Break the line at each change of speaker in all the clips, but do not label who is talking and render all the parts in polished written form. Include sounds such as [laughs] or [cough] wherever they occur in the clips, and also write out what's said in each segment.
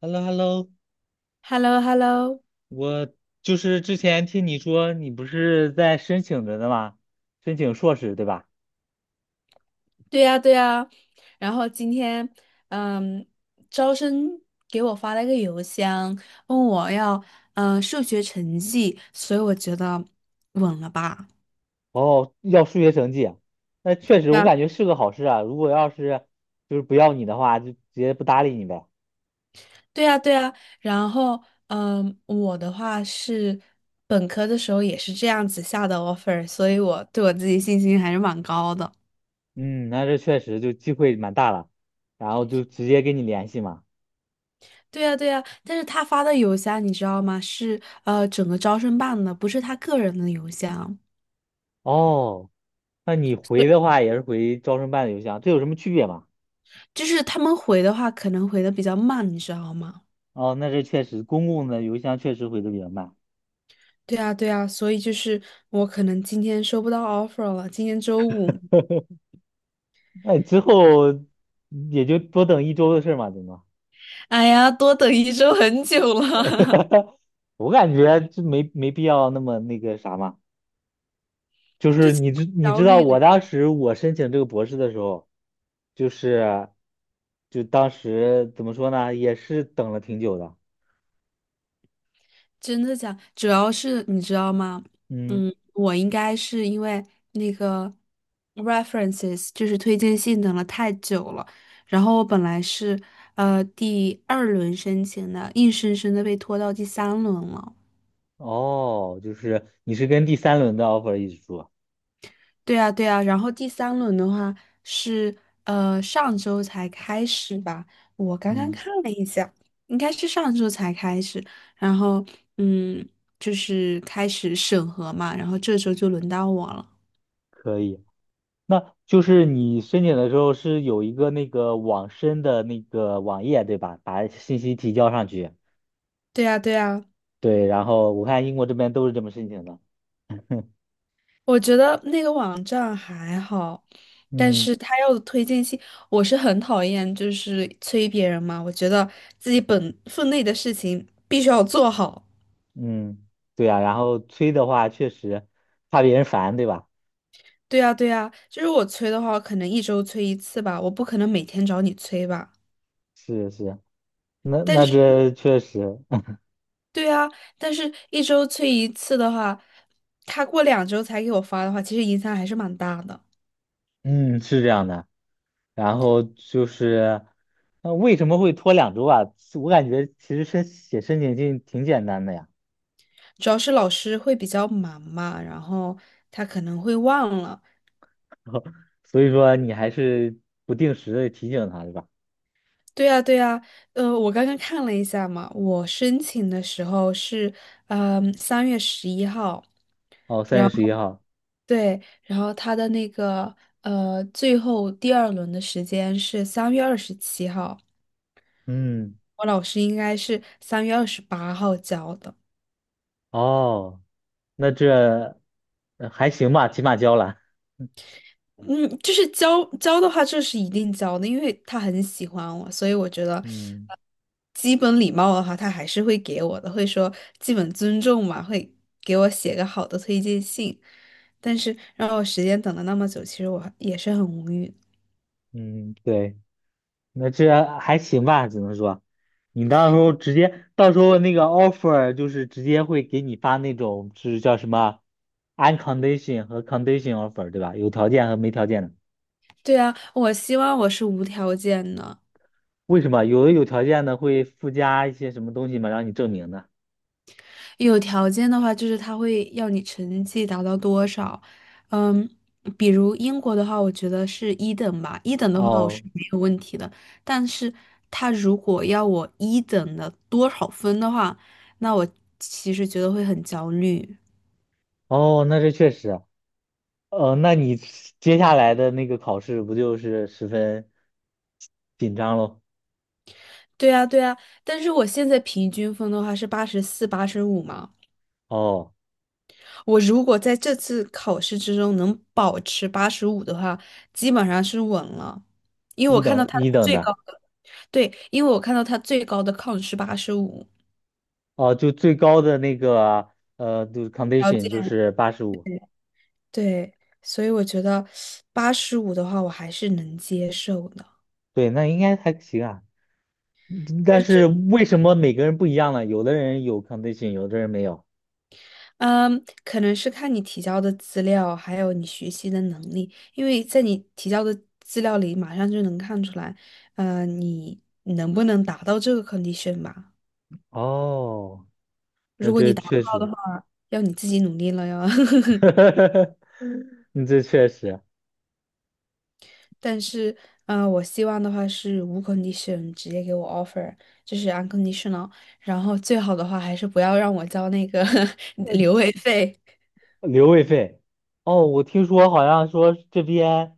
h e l l o h e l l o
h e l l o h e l l o
我就是之前听你说你不是在申请着的吗？申请硕士对吧？
对呀，对呀。然后今天，嗯，招生给我发了一个邮箱，问我要，数学成绩，所以我觉得稳了吧？
哦，要数学成绩啊。那确实我感
然
觉是个好事啊。如果就是不要你的话，就直接不搭理你呗。
对呀，对呀。然后，我的话是本科的时候也是这样子下的 offer，所以我对我自己信心还是蛮高的。
嗯，那这确实就机会蛮大了，然后就直接跟你联系嘛。
对呀，对呀。但是他发的邮箱你知道吗？是整个招生办的，不是他个人的邮箱。
哦，那你回的
对，
话也是回招生办的邮箱，这有什么区别吗？
就是他们回的话，可能回的比较慢，你知道吗？
哦，那这确实公共的邮箱确实回的比较慢，
对啊，对啊，所以就是我可能今天收不到 offer 了，今天周五，
那之后也就多等一周的事儿嘛，对吗？
哎呀，多等一周很久了，
[laughs] 我感觉就没必要那么那个啥嘛。就是你知
[laughs]
你
焦
知道，
虑
我
的。
当时我申请这个博士的时候，就是就当时怎么说呢，也是等了挺久的。
真的假？主要是你知道吗？
嗯，
我应该是因为那个 references 就是推荐信等了太久了，然后我本来是第二轮申请的，硬生生的被拖到第三轮了。
哦，就是你是跟第三轮的 offer 一起说。
对啊，对啊，然后第三轮的话是上周才开始吧，我刚刚
嗯，
看了一下，应该是上周才开始，然后嗯，就是开始审核嘛，然后这周就轮到我了。
可以。那就是你申请的时候是有一个那个网申的那个网页，对吧？把信息提交上去。
对呀对呀，
对，然后我看英国这边都是这么申请的。
我觉得那个网站还好，但是
嗯。
他要的推荐信，我是很讨厌，就是催别人嘛，我觉得自己本分内的事情必须要做好。
嗯，对呀、然后催的话，确实怕别人烦，对吧？
对呀，对呀，就是我催的话，可能一周催一次吧，我不可能每天找你催吧。
是是，那
但
那
是，
这确实。
对啊，但是一周催一次的话，他过两周才给我发的话，其实影响还是蛮大的。
[laughs] 嗯，是这样的。然后就是，那为什么会拖2周啊？我感觉其实申请信挺简单的呀。
主要是老师会比较忙嘛，然后他可能会忘了。
[laughs] 所以说你还是不定时的提醒他，对吧？
对呀，对呀，我刚刚看了一下嘛，我申请的时候是，3月11号。
哦，三
然
月十
后。
一号，
对，然后他的那个最后第二轮的时间是3月27号，
嗯，
我老师应该是3月28号交的。
哦，那这还行吧，起码交了。
嗯，就是交的话，这是一定交的，因为他很喜欢我，所以我觉得
[laughs] 嗯
呃基本礼貌的话，他还是会给我的，会说基本尊重嘛，会给我写个好的推荐信。但是让我时间等了那么久，其实我也是很无语。
嗯，对。那这还行吧，只能说，你到时候直接，到时候那个 offer 就是直接会给你发那种，是叫什么 uncondition 和 condition offer，对吧？有条件和没条件的。
对啊，我希望我是无条件的。
为什么有的有条件的会附加一些什么东西嘛，让你证明的？
有条件的话，就是他会要你成绩达到多少，嗯，比如英国的话，我觉得是一等吧，一等的话我
哦
是没有问题的，但是他如果要我一等的多少分的话，那我其实觉得会很焦虑。
哦，那这确实啊。那你接下来的那个考试不就是十分紧张喽？
对啊，对啊，但是我现在平均分的话是84、八十五嘛，
哦，
我如果在这次考试之中能保持八十五的话，基本上是稳了，因为我
一
看到
等
他
一等
最高。
的。
对，因为我看到他最高的 count 是八十五，
哦，就最高的那个就是
条
condition 就
件。
是85，
对，所以我觉得八十五的话，我还是能接受的。
对，那应该还行啊。
但
但是
是，
为什么每个人不一样呢？有的人有 condition，有的人没有。
嗯，可能是看你提交的资料，还有你学习的能力，因为在你提交的资料里，马上就能看出来，你能不能达到这个 condition 吧？
哦，那这确实。
要你自己努力了哟。[laughs]
[laughs] 你这确实
但是，我希望的话是无 condition 直接给我 offer，就是 unconditional。然后最好的话还是不要让我交那个 [laughs] 留位费。
留位费。哦，我听说好像说这边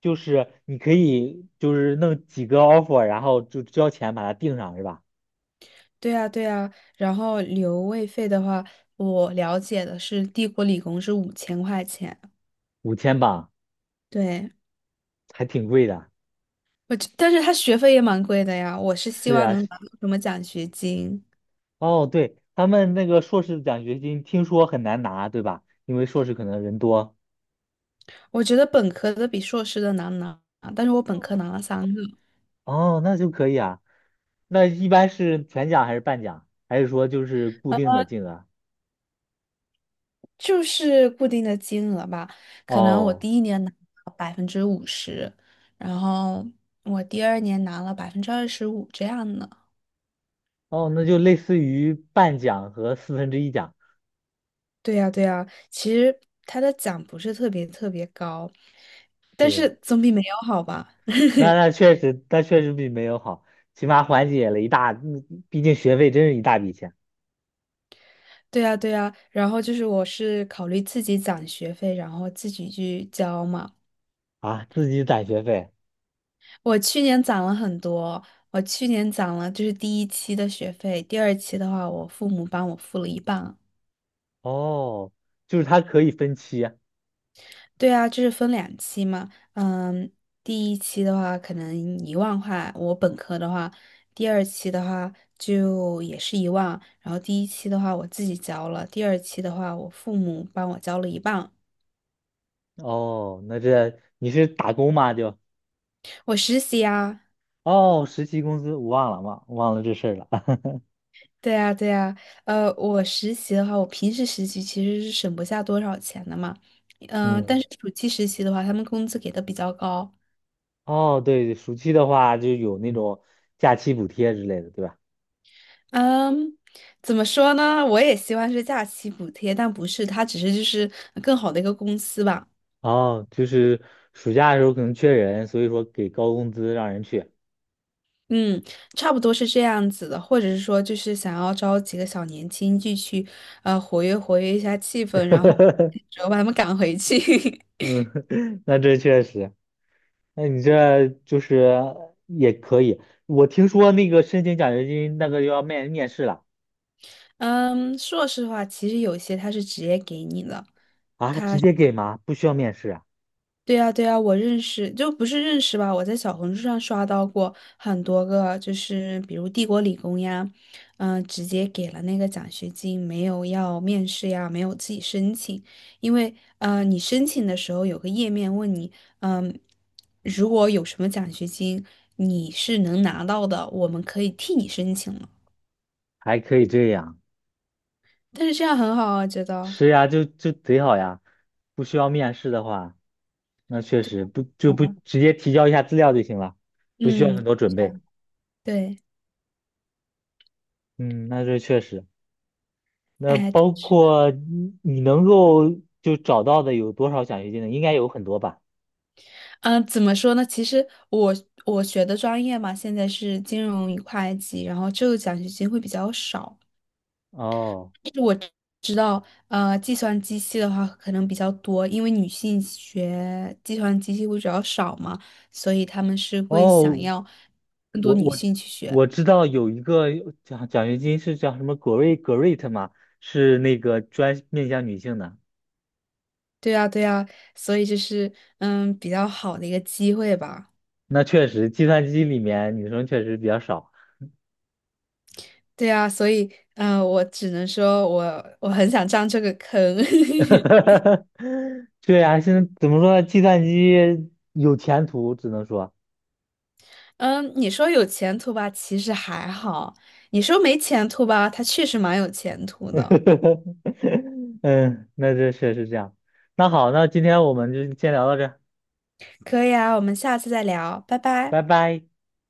就是你可以就是弄几个 offer，然后就交钱把它定上是吧？
对啊，对啊。然后留位费的话，我了解的是帝国理工是5000块钱。
5000镑，
对，
还挺贵的。
但是他学费也蛮贵的呀。我是希
是
望
呀，
能拿到什么奖学金。
哦，对，他们那个硕士奖学金听说很难拿，对吧？因为硕士可能人多。
我觉得本科的比硕士的难拿，但是我本科拿了三个。
哦，那就可以啊。那一般是全奖还是半奖，还是说就是固定的金额？
就是固定的金额吧，可能我
哦
第一年拿了50%，然后我第二年拿了25%这样的。
哦，那就类似于半奖和四分之一奖。
对呀，对呀，其实他的奖不是特别特别高，但
对，
是总比没有好吧？
那
[laughs]
那确实，那确实比没有好，起码缓解了一大，毕竟学费真是一大笔钱。
对呀，对呀，然后就是我是考虑自己攒学费，然后自己去交嘛。
啊，自己攒学费。
我去年攒了很多，我去年攒了就是第一期的学费，第二期的话我父母帮我付了一半。
哦，就是它可以分期啊。
对啊，就是分两期嘛。嗯，第一期的话可能1万块，我本科的话，第二期的话就也是一万，然后第一期的话我自己交了，第二期的话我父母帮我交了一半。
哦，那这你是打工吗？就。
我实习啊，
哦，实习工资我忘了，忘了这事儿了。[laughs]
对啊，对啊，我实习的话，我平时实习其实是省不下多少钱的嘛，
嗯，
但是暑期实习的话，他们工资给的比较高。
哦，对，暑期的话就有那种假期补贴之类的，对吧？
嗯，怎么说呢？我也希望是假期补贴，但不是，它只是就是更好的一个公司吧。
哦，就是暑假的时候可能缺人，所以说给高工资让人去。
嗯，差不多是这样子的，或者是说就是想要招几个小年轻进去，活跃活跃一下气氛，然后主
[laughs]
要把他们赶回去。
嗯，[laughs] 那这确实，那你这就是也可以。我听说那个申请奖学金那个要面试了。
[laughs] 嗯，硕士的话，其实有些他是直接给你的，
啊，直接给吗？不需要面试啊？
对呀，对呀，我认识，就不是认识吧？我在小红书上刷到过很多个，就是比如帝国理工呀，直接给了那个奖学金，没有要面试呀，没有自己申请，因为你申请的时候有个页面问你，嗯、如果有什么奖学金，你是能拿到的，我们可以替你申请了。
还可以这样？
但是这样很好啊，觉得，
是呀，就贼好呀，不需要面试的话。那确实不就不直接提交一下资料就行了，不需要
嗯，
很多准
是
备。
啊，对，
嗯，那这确实。那
哎。
包括你能够就找到的有多少奖学金呢？应该有很多吧？
怎么说呢？其实我学的专业嘛，现在是金融与会计，然后这个奖学金会比较少。
哦
但是我知道，计算机系的话可能比较多，因为女性学计算机系会比较少嘛，所以他们是会想
哦，
要更多
我
女
我
性去学。
我知道有一个奖学金是叫什么 Great 嘛，是那个专面向女性的。
对啊，对啊，所以这是比较好的一个机会吧。
那确实，计算机里面女生确实比较少。
对啊，所以我只能说我很想上这个坑。[laughs]
[laughs] 对呀，现在怎么说呢？计算机有前途，只能说。
嗯，你说有前途吧，其实还好；你说没前途吧，他确实蛮有前途的。
[laughs] 嗯，那这确实这样。那好，那今天我们就先聊到这儿。
可以啊，我们下次再聊，拜拜。
拜拜。